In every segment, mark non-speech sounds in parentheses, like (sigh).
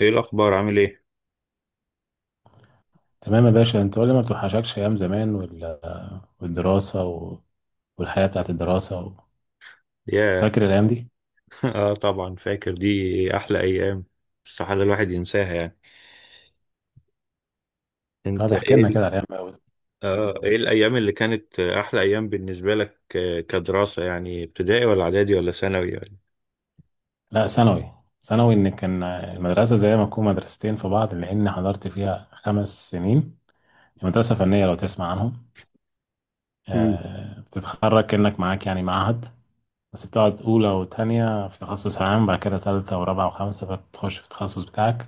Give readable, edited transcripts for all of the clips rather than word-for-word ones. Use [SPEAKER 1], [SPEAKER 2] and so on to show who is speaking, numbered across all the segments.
[SPEAKER 1] ايه الاخبار؟ عامل ايه؟
[SPEAKER 2] تمام يا باشا، انت قول لي ما بتوحشكش ايام زمان والدراسه و... والحياه بتاعت الدراسه؟
[SPEAKER 1] ياه.
[SPEAKER 2] فاكر الايام دي؟
[SPEAKER 1] (laughs) اه طبعا فاكر دي. احلى ايام. استحالة الواحد ينساها يعني. انت
[SPEAKER 2] طب احكي
[SPEAKER 1] ايه
[SPEAKER 2] لنا كده
[SPEAKER 1] ال-.
[SPEAKER 2] على الايام أوي.
[SPEAKER 1] اه ايه الايام اللي كانت احلى ايام بالنسبة لك آه، كدراسة يعني؟ ابتدائي ولا اعدادي ولا ثانوي ولا؟
[SPEAKER 2] لا ثانوي. ثانوي، ان كان المدرسه زي ما تكون مدرستين في بعض، لان حضرت فيها 5 سنين. مدرسه فنيه لو تسمع عنهم.
[SPEAKER 1] مم.
[SPEAKER 2] بتتخرج كانك معاك يعني معهد. بس بتقعد اولى وتانية في تخصص عام، بعد كده تالتة ورابعة وخمسة بتخش في التخصص بتاعك.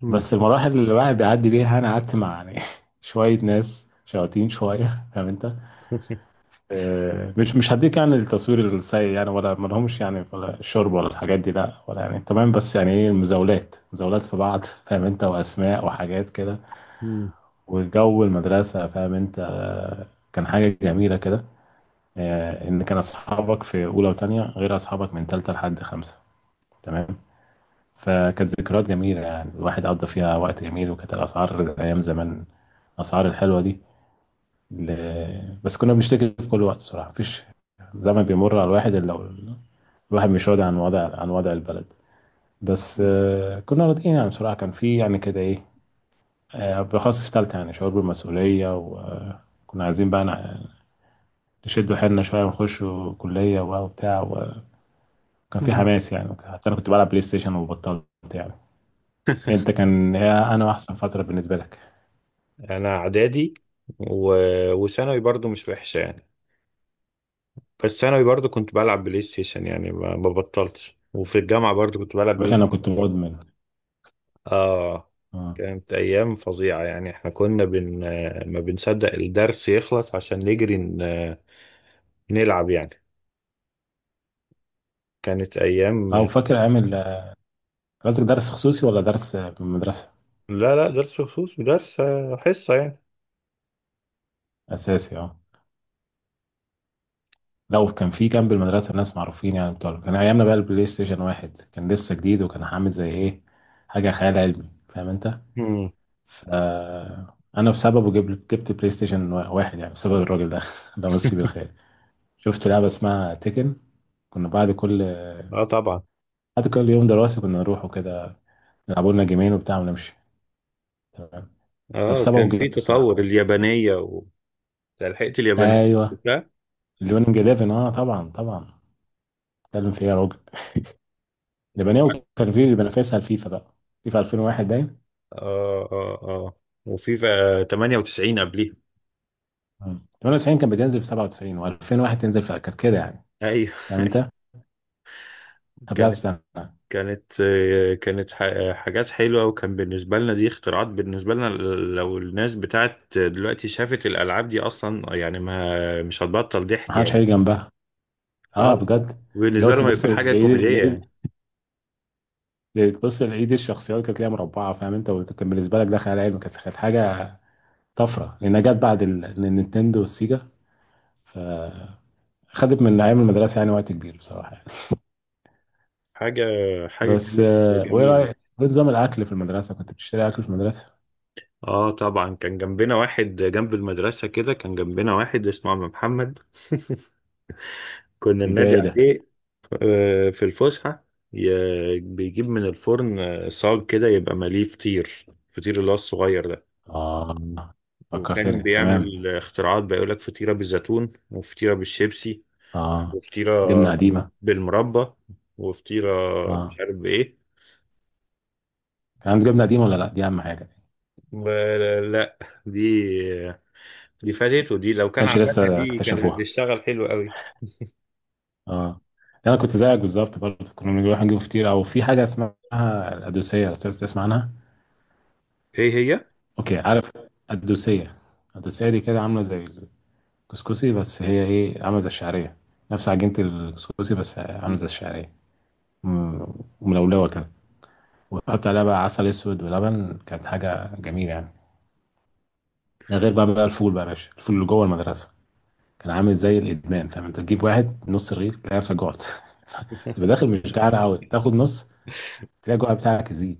[SPEAKER 1] مم.
[SPEAKER 2] بس المراحل اللي الواحد بيعدي بيها، انا قعدت مع يعني (laughs) شويه ناس شياطين شويه، فاهم انت.
[SPEAKER 1] (laughs)
[SPEAKER 2] مش هديك يعني التصوير السيء، يعني ولا ما لهمش يعني، ولا الشرب ولا الحاجات دي، لا ولا يعني تمام، بس يعني ايه، المزاولات مزاولات في بعض فاهم انت، واسماء وحاجات كده.
[SPEAKER 1] مم.
[SPEAKER 2] وجو المدرسه، فاهم انت. كان حاجه جميله كده. ان كان اصحابك في اولى وثانيه غير اصحابك من ثالثه لحد خمسه، تمام. فكانت ذكريات جميلة، يعني الواحد قضى فيها وقت جميل. وكانت الأسعار أيام زمان، الأسعار الحلوة دي ل... بس كنا بنشتكي في كل وقت بصراحة، مفيش زمن بيمر على الواحد إلا الواحد مش راضي عن وضع البلد. بس كنا راضيين يعني بصراحة، كان في يعني كده إيه. بالأخص في تالتة يعني شعور بالمسؤولية، وكنا عايزين بقى نشد حيلنا شوية ونخش كلية وبتاع. وكان في
[SPEAKER 1] مم.
[SPEAKER 2] حماس، يعني حتى أنا كنت بلعب بلاي ستيشن وبطلت. يعني انت، كان هي انا، احسن فتره بالنسبه لك؟
[SPEAKER 1] انا اعدادي و... وثانوي برضو مش وحشة يعني. بس ثانوي برضو كنت بلعب بلاي ستيشن يعني ما بطلتش، وفي الجامعة برضو كنت بلعب
[SPEAKER 2] يا
[SPEAKER 1] بلاي
[SPEAKER 2] باشا انا كنت
[SPEAKER 1] ستيشن.
[SPEAKER 2] مدمن.
[SPEAKER 1] آه.
[SPEAKER 2] اه.
[SPEAKER 1] كانت أيام فظيعة يعني. إحنا كنا بن-، ما بنصدق الدرس يخلص عشان نجري ن- نلعب يعني. كانت
[SPEAKER 2] او
[SPEAKER 1] أيام.
[SPEAKER 2] فاكر ايام قصدك درس خصوصي ولا درس مدرسه؟
[SPEAKER 1] لا درس خصوص درس آه، حصة يعني.
[SPEAKER 2] اساسي اه. لو كان في جنب المدرسه ناس معروفين يعني بتوع، كان ايامنا بقى البلاي ستيشن واحد كان لسه جديد، وكان عامل زي ايه، حاجه خيال علمي فاهم انت.
[SPEAKER 1] مم.
[SPEAKER 2] ف انا بسببه جبت بلاي ستيشن واحد يعني، بسبب الراجل ده (laughs) ده مسيب الخير. شفت لعبه اسمها تيكن. كنا بعد كل
[SPEAKER 1] آه طبعا.
[SPEAKER 2] بعد كل يوم دراسي كنا نروح وكده، نلعبوا لنا جيمين وبتاع ونمشي، تمام. طب
[SPEAKER 1] آه
[SPEAKER 2] سبعة
[SPEAKER 1] كان في
[SPEAKER 2] وجبت بصراحة.
[SPEAKER 1] تطور اليابانية و... لحقت اليابانية.
[SPEAKER 2] ايوه.
[SPEAKER 1] لا.
[SPEAKER 2] ليونينج 11 اه، طبعا طبعا، اتكلم في ايه يا راجل؟
[SPEAKER 1] وبعد-.
[SPEAKER 2] لبناني، كان في بنافسها الفيفا بقى. فيفا 2001 باين.
[SPEAKER 1] آه آه آه. وفي 98 قبليها.
[SPEAKER 2] مم. 98 كان بتنزل في 97، و2001 تنزل في، كانت كده يعني،
[SPEAKER 1] أيوه. (laughs)
[SPEAKER 2] فاهم
[SPEAKER 1] أيوه.
[SPEAKER 2] انت، قبلها
[SPEAKER 1] كان،
[SPEAKER 2] بسنة.
[SPEAKER 1] كانت ح- حاجات حلوة، وكان بالنسبة لنا دي اختراعات بالنسبة لنا. لو الناس بتاعت دلوقتي شافت الألعاب دي أصلا يعني، ما مش هتبطل
[SPEAKER 2] ما
[SPEAKER 1] ضحك
[SPEAKER 2] حدش
[SPEAKER 1] يعني.
[SPEAKER 2] هيجي جنبها، اه
[SPEAKER 1] اه.
[SPEAKER 2] بجد. اللي هو
[SPEAKER 1] بالنسبة لهم
[SPEAKER 2] تبص
[SPEAKER 1] هيبقى حاجة كوميدية
[SPEAKER 2] لايد،
[SPEAKER 1] يعني.
[SPEAKER 2] لايد، تبص لايد الشخصيات كانت ليها مربعة فاهم انت، وكان بالنسبة لك ده خيال علمي، كانت حاجة طفرة، لأنها جت بعد النينتندو والسيجا. فخدت من أيام المدرسة يعني وقت كبير بصراحة يعني.
[SPEAKER 1] حاجة، حاجة
[SPEAKER 2] بس
[SPEAKER 1] كانت
[SPEAKER 2] وايه
[SPEAKER 1] جميلة.
[SPEAKER 2] رايك ايه نظام الاكل في المدرسه؟ كنت بتشتري اكل في المدرسه؟
[SPEAKER 1] اه طبعا كان جنبنا واحد جنب المدرسة كده. كان جنبنا واحد اسمه عم محمد، كنا
[SPEAKER 2] بيبيع
[SPEAKER 1] ننادي
[SPEAKER 2] ايه ده؟
[SPEAKER 1] عليه آه، في الفسحة. ي- بيجيب من الفرن آه، صاج كده يبقى مليه فطير، الفطير اللي هو الصغير ده.
[SPEAKER 2] اه،
[SPEAKER 1] وكان
[SPEAKER 2] فكرتني، تمام.
[SPEAKER 1] بيعمل اختراعات بقى، يقول لك فطيرة بالزيتون، وفطيرة بالشيبسي،
[SPEAKER 2] اه،
[SPEAKER 1] وفطيرة
[SPEAKER 2] جبنه
[SPEAKER 1] بال-
[SPEAKER 2] قديمه.
[SPEAKER 1] بالمربى، وفطيرة
[SPEAKER 2] اه،
[SPEAKER 1] مش عارف بإيه.
[SPEAKER 2] كان عنده جبنه قديمه ولا لا؟ دي اهم حاجه. ما
[SPEAKER 1] ب-. لا، دي دي فاتته. دي لو كان
[SPEAKER 2] كانش
[SPEAKER 1] عملها
[SPEAKER 2] لسه
[SPEAKER 1] دي كانت
[SPEAKER 2] اكتشفوها،
[SPEAKER 1] هتشتغل حلو قوي.
[SPEAKER 2] اه. يعني انا كنت زيك بالظبط برضه، كنا بنروح نجيب فطير، او في حاجه اسمها القدوسيه، لو تسمع عنها.
[SPEAKER 1] هي هي.
[SPEAKER 2] اوكي عارف. القدوسيه. القدوسيه دي كده عامله زي الكسكسي، بس هي ايه، عامله زي الشعريه. نفس عجينه الكسكسي بس عامله زي الشعريه، م- ملولوه كده. وتحط عليها بقى عسل اسود ولبن، كانت حاجه جميله يعني. ده غير بقى الفول بقى يا باشا، الفول اللي جوه المدرسه. كان عامل زي الادمان فاهم انت، تجيب واحد نص رغيف تلاقي نفسك جوعت. (laughs) تبقى داخل مش جعان قوي، تاخد نص، تلاقي الجوع بتاعك يزيد،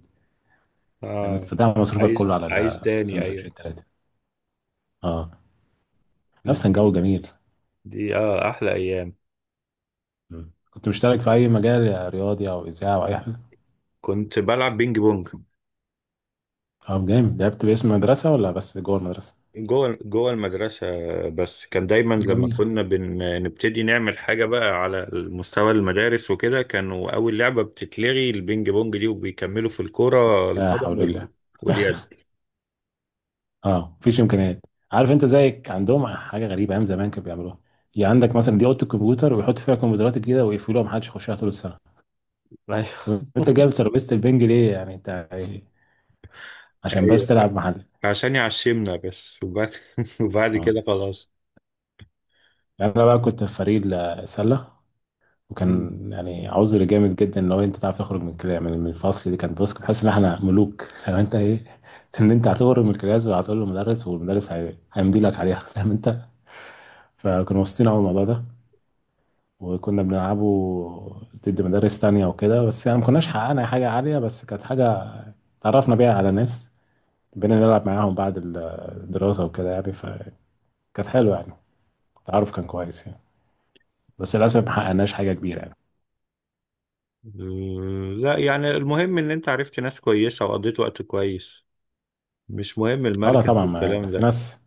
[SPEAKER 2] فاهم انت.
[SPEAKER 1] آه
[SPEAKER 2] فده مصروفك كله
[SPEAKER 1] عايز،
[SPEAKER 2] على
[SPEAKER 1] عايز تاني،
[SPEAKER 2] السندوتشين
[SPEAKER 1] أيوه.
[SPEAKER 2] ثلاثه. اه. نفس
[SPEAKER 1] دي
[SPEAKER 2] جو جميل.
[SPEAKER 1] دي آه أحلى أيام.
[SPEAKER 2] مم. كنت مشترك في اي مجال، يا رياضي او اذاعه او اي حاجه؟
[SPEAKER 1] كنت بلعب بينج بونج.
[SPEAKER 2] اه جامد. لعبت باسم المدرسه ولا بس جوه المدرسه؟
[SPEAKER 1] جوه المدرسة. بس كان دايما
[SPEAKER 2] طب
[SPEAKER 1] لما
[SPEAKER 2] جميل.
[SPEAKER 1] كنا بن... نبتدي نعمل حاجة بقى على مستوى المدارس وكده، كانوا أول لعبة بتتلغي البينج بونج دي، وبيكملوا في الكرة
[SPEAKER 2] لا
[SPEAKER 1] القدم
[SPEAKER 2] حول
[SPEAKER 1] وال...
[SPEAKER 2] الله،
[SPEAKER 1] واليد.
[SPEAKER 2] اه مفيش امكانيات. عارف انت زيك عندهم حاجه غريبه ايام زمان كانوا بيعملوها، يعني عندك مثلا دي اوضه الكمبيوتر، ويحط فيها كمبيوترات الجديده ويقفلوها محدش يخشها طول السنه.
[SPEAKER 1] ايوه.
[SPEAKER 2] طب انت جايب ترابيزه البنج ليه يعني انت، عشان
[SPEAKER 1] أيوه
[SPEAKER 2] بس تلعب محل؟
[SPEAKER 1] عشان يعشمنا بس، وبعد، (laughs) وبعد
[SPEAKER 2] اه.
[SPEAKER 1] كده خلاص.
[SPEAKER 2] يعني انا بقى كنت في فريق السله. وكان يعني عذر جامد جدا، ان هو انت تعرف تخرج من الفصل. دي كان، بص كنت حاسس ان احنا ملوك (laughs) لو انت ايه، ان انت هتخرج من الكلاس، وهتقول للمدرس والمدرس هيمضي لك عليها (laughs) فاهم انت. فكانوا مبسوطين قوي الموضوع ده. وكنا بنلعبه ضد مدارس تانية وكده، بس يعني ما كناش حققنا حاجة عالية، بس كانت حاجة تعرفنا بيها على ناس، بقينا نلعب معاهم بعد الدراسة وكده، يعني فكانت حلوة يعني، التعرف كان كويس يعني، بس للأسف ما حققناش حاجة كبيرة يعني.
[SPEAKER 1] لا يعني المهم إن أنت عرفت ناس كويسة وقضيت وقت كويس. مش مهم
[SPEAKER 2] اه لا
[SPEAKER 1] المركز
[SPEAKER 2] طبعا، ما
[SPEAKER 1] والكلام
[SPEAKER 2] في ناس.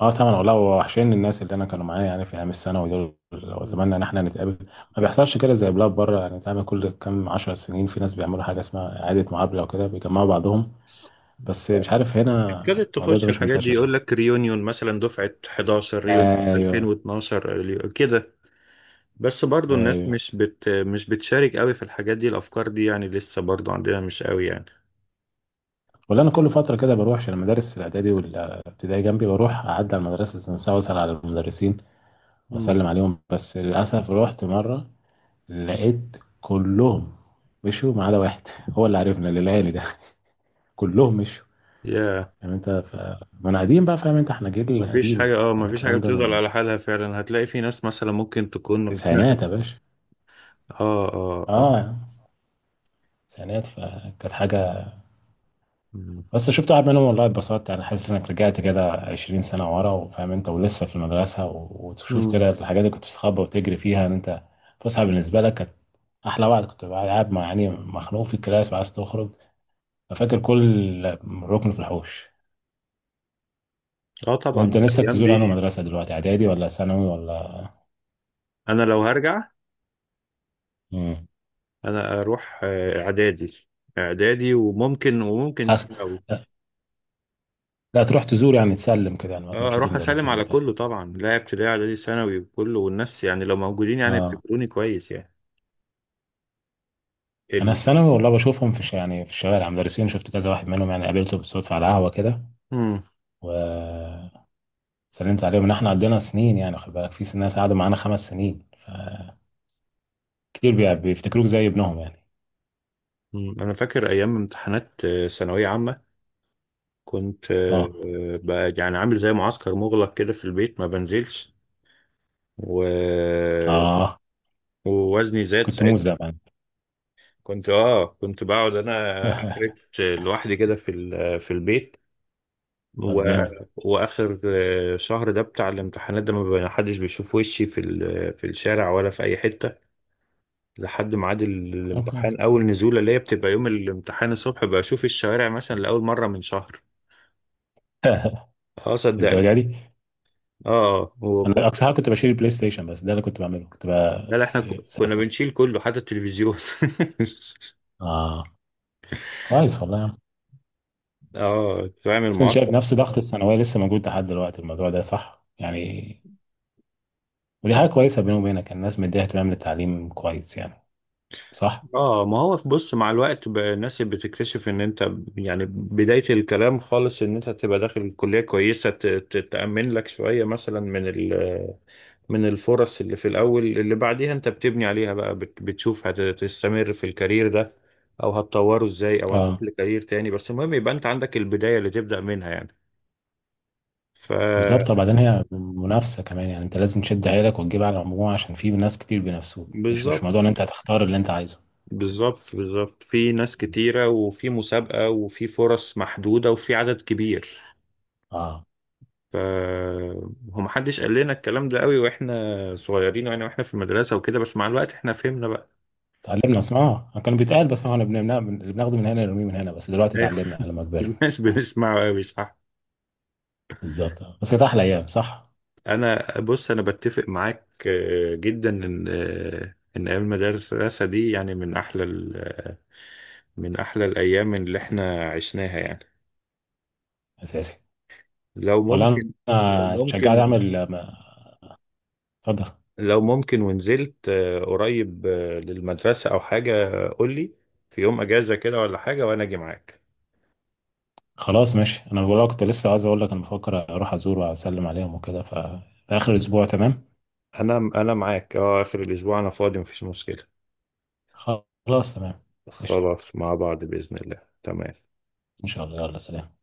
[SPEAKER 2] اه طبعا، والله وحشين الناس اللي انا كانوا معايا يعني، في ايام الثانوي دول.
[SPEAKER 1] ده.
[SPEAKER 2] واتمنى ان احنا نتقابل، ما بيحصلش كده زي بلاد بره، يعني تعمل كل كام 10 سنين، في ناس بيعملوا حاجه اسمها اعاده مقابله، وكده بيجمعوا بعضهم. بس مش عارف هنا
[SPEAKER 1] ابتدت
[SPEAKER 2] الموضوع ده
[SPEAKER 1] تخش
[SPEAKER 2] مش
[SPEAKER 1] الحاجات دي،
[SPEAKER 2] منتشر.
[SPEAKER 1] يقول لك ريونيون مثلا دفعة 11، ريونيون
[SPEAKER 2] ايوه.
[SPEAKER 1] 2012، ريو- كده. بس برضو الناس
[SPEAKER 2] ايوه.
[SPEAKER 1] مش مش بتشارك قوي في الحاجات دي، الأفكار دي يعني لسه برضو عندنا مش قوي يعني.
[SPEAKER 2] ولا انا كل فتره كده بروح، عشان المدارس الاعدادي والابتدائي جنبي، بروح اعدي على المدرسه عشان اسال على المدرسين
[SPEAKER 1] مم.
[SPEAKER 2] واسلم عليهم. بس للاسف رحت مره، لقيت كلهم مشوا ما عدا واحد (laughs) هو اللي عرفنا، اللي لقاني ده (laughs) كلهم مشوا.
[SPEAKER 1] يا.
[SPEAKER 2] يعني انت. ما انا قديم بقى، فاهم انت، احنا جيل
[SPEAKER 1] مفيش
[SPEAKER 2] قديم،
[SPEAKER 1] حاجة،
[SPEAKER 2] يعني
[SPEAKER 1] مفيش حاجة
[SPEAKER 2] الكلام ده
[SPEAKER 1] بتفضل
[SPEAKER 2] من
[SPEAKER 1] على حالها فعلا. هتلاقي في ناس مثلا ممكن تكون
[SPEAKER 2] التسعينات يا
[SPEAKER 1] اتنقلت.
[SPEAKER 2] باشا.
[SPEAKER 1] اه اه اه.
[SPEAKER 2] اه. تسعينات، فكانت حاجه.
[SPEAKER 1] مم.
[SPEAKER 2] بس شفت واحد منهم والله اتبسطت، يعني حاسس انك رجعت كده 20 سنة ورا، وفاهم انت ولسه في المدرسة، وتشوف
[SPEAKER 1] مم.
[SPEAKER 2] كده الحاجات اللي كنت بتستخبى وتجري فيها. ان انت فسحة بالنسبة لك، كانت احلى وقت، كنت بقى قاعد مع يعني مخنوق في الكلاس وعايز تخرج، ففاكر كل ركن في الحوش.
[SPEAKER 1] اه طبعا
[SPEAKER 2] يعني انت نفسك
[SPEAKER 1] الأيام
[SPEAKER 2] تزور انهي
[SPEAKER 1] دي.
[SPEAKER 2] مدرسة دلوقتي، اعدادي ولا ثانوي ولا؟
[SPEAKER 1] أنا لو هرجع،
[SPEAKER 2] امم.
[SPEAKER 1] أنا أروح آه، إعدادي. إعدادي، وممكن
[SPEAKER 2] أس...
[SPEAKER 1] ثانوي.
[SPEAKER 2] لا تروح تزور يعني، تسلم كده يعني، مثلا
[SPEAKER 1] اه
[SPEAKER 2] تشوف
[SPEAKER 1] اروح اسلم
[SPEAKER 2] المدرسين
[SPEAKER 1] على
[SPEAKER 2] وبتاع.
[SPEAKER 1] كله طبعا، لا ابتدائي اعدادي ثانوي وكله، والناس يعني لو موجودين يعني
[SPEAKER 2] اه.
[SPEAKER 1] افتكروني كويس يعني.
[SPEAKER 2] انا
[SPEAKER 1] ال...
[SPEAKER 2] الثانوي والله بشوفهم في يعني في الشوارع، مدرسين، شفت كذا واحد منهم يعني قابلته بالصدفة على قهوة كده.
[SPEAKER 1] مم.
[SPEAKER 2] و سلمت عليهم، ان احنا عندنا سنين، يعني خد بالك في ناس قعدوا معانا 5 سنين، فكتير بيفتكروك زي ابنهم يعني.
[SPEAKER 1] مم. انا فاكر ايام امتحانات آه، ثانويه عامه. كنت آه،
[SPEAKER 2] اه.
[SPEAKER 1] آه، بقى يعني عامل زي معسكر مغلق كده في البيت، ما بنزلش و...
[SPEAKER 2] اه،
[SPEAKER 1] ووزني زاد
[SPEAKER 2] كنت موز
[SPEAKER 1] ساعتها.
[SPEAKER 2] بقى معانا.
[SPEAKER 1] كنت اه كنت بقعد انا
[SPEAKER 2] (laughs)
[SPEAKER 1] اكرت لوحدي كده في ال... في البيت و...
[SPEAKER 2] طب جامد.
[SPEAKER 1] واخر آه، شهر ده بتاع الامتحانات ده ما بقى- حدش بيشوف وشي في ال... في الشارع ولا في اي حته، لحد ميعاد ال-
[SPEAKER 2] طب كويس.
[SPEAKER 1] الامتحان، اول نزوله اللي هي بتبقى يوم الامتحان الصبح بشوف الشوارع مثلا لاول مره من شهر.
[SPEAKER 2] (laughs)
[SPEAKER 1] اه صدقني.
[SPEAKER 2] الدرجه دي؟
[SPEAKER 1] اه هو كو-.
[SPEAKER 2] انا اقصى حاجه كنت بشيل البلاي ستيشن بس، ده اللي كنت بعمله، كنت بقى
[SPEAKER 1] لا لا، احنا كو- كنا
[SPEAKER 2] ساعتين.
[SPEAKER 1] بنشيل كله حتى التلفزيون. (laughs)
[SPEAKER 2] اه. كويس والله يا عم.
[SPEAKER 1] اه تعمل
[SPEAKER 2] بس انا شايف
[SPEAKER 1] معسكر.
[SPEAKER 2] نفس ضغط الثانويه لسه موجود لحد دلوقتي، الموضوع ده صح يعني، ودي حاجه كويسه بيني وبينك، الناس مديها اهتمام للتعليم كويس يعني. صح.
[SPEAKER 1] اه ما هو في، بص، مع الوقت بقى الناس بتكتشف ان انت يعني بداية الكلام خالص ان انت تبقى داخل الكلية كويسة ت- ت- تأمن لك شوية مثلا من ال من الفرص اللي في الأول اللي بعديها أنت بتبني عليها بقى، بت- بتشوف هتستمر في الكارير ده أو هتطوره إزاي أو هتروح
[SPEAKER 2] اه
[SPEAKER 1] لكارير تاني، بس المهم يبقى أنت عندك البداية اللي تبدأ منها يعني. ف.
[SPEAKER 2] بالظبط. وبعدين هي منافسة كمان، يعني انت لازم تشد حيلك وتجيب على المجموع، عشان في ناس كتير بينافسوك، مش
[SPEAKER 1] بالظبط
[SPEAKER 2] موضوع ان انت هتختار اللي انت عايزه.
[SPEAKER 1] بالظبط بالظبط، في ناس كتيرة وفي مسابقة وفي فرص محدودة وفي عدد كبير.
[SPEAKER 2] اه.
[SPEAKER 1] ف هو محدش قال لنا الكلام ده قوي واحنا صغيرين يعني، واحنا في المدرسة وكده، بس مع الوقت احنا فهمنا بقى.
[SPEAKER 2] اتعلمنا، اسمها كان بيتقال بس احنا بنمنع اللي بناخده من هنا نرميه من هنا، بس دلوقتي اتعلمنا
[SPEAKER 1] (laughs)
[SPEAKER 2] لما كبرنا.
[SPEAKER 1] مش بنسمعه قوي صح.
[SPEAKER 2] بالظبط آه. بس كانت احلى ايام، صح.
[SPEAKER 1] انا بص انا بتفق معاك آه، جدا ان آه، ان ايام المدرسه دي يعني من احلى ال- آه، من احلى الايام اللي احنا عشناها يعني.
[SPEAKER 2] اساسي.
[SPEAKER 1] لو
[SPEAKER 2] ولا انا،
[SPEAKER 1] ممكن، لو
[SPEAKER 2] أنا اتشجعت
[SPEAKER 1] ممكن،
[SPEAKER 2] اعمل اتفضل.
[SPEAKER 1] لو ممكن ونزلت آه، قريب آه، للمدرسه او حاجه قول لي في يوم اجازه كده ولا حاجه وانا اجي معاك.
[SPEAKER 2] خلاص ماشي، انا بقول لك، كنت لسه عايز اقول لك انا بفكر اروح ازور واسلم عليهم وكده، ف في اخر الاسبوع، تمام.
[SPEAKER 1] انا معاك اه اخر الاسبوع انا فاضي مفيش مشكله.
[SPEAKER 2] خلاص تمام. قشطة.
[SPEAKER 1] خلاص مع بعض باذن الله، تمام.
[SPEAKER 2] ان شاء الله، يلا سلام.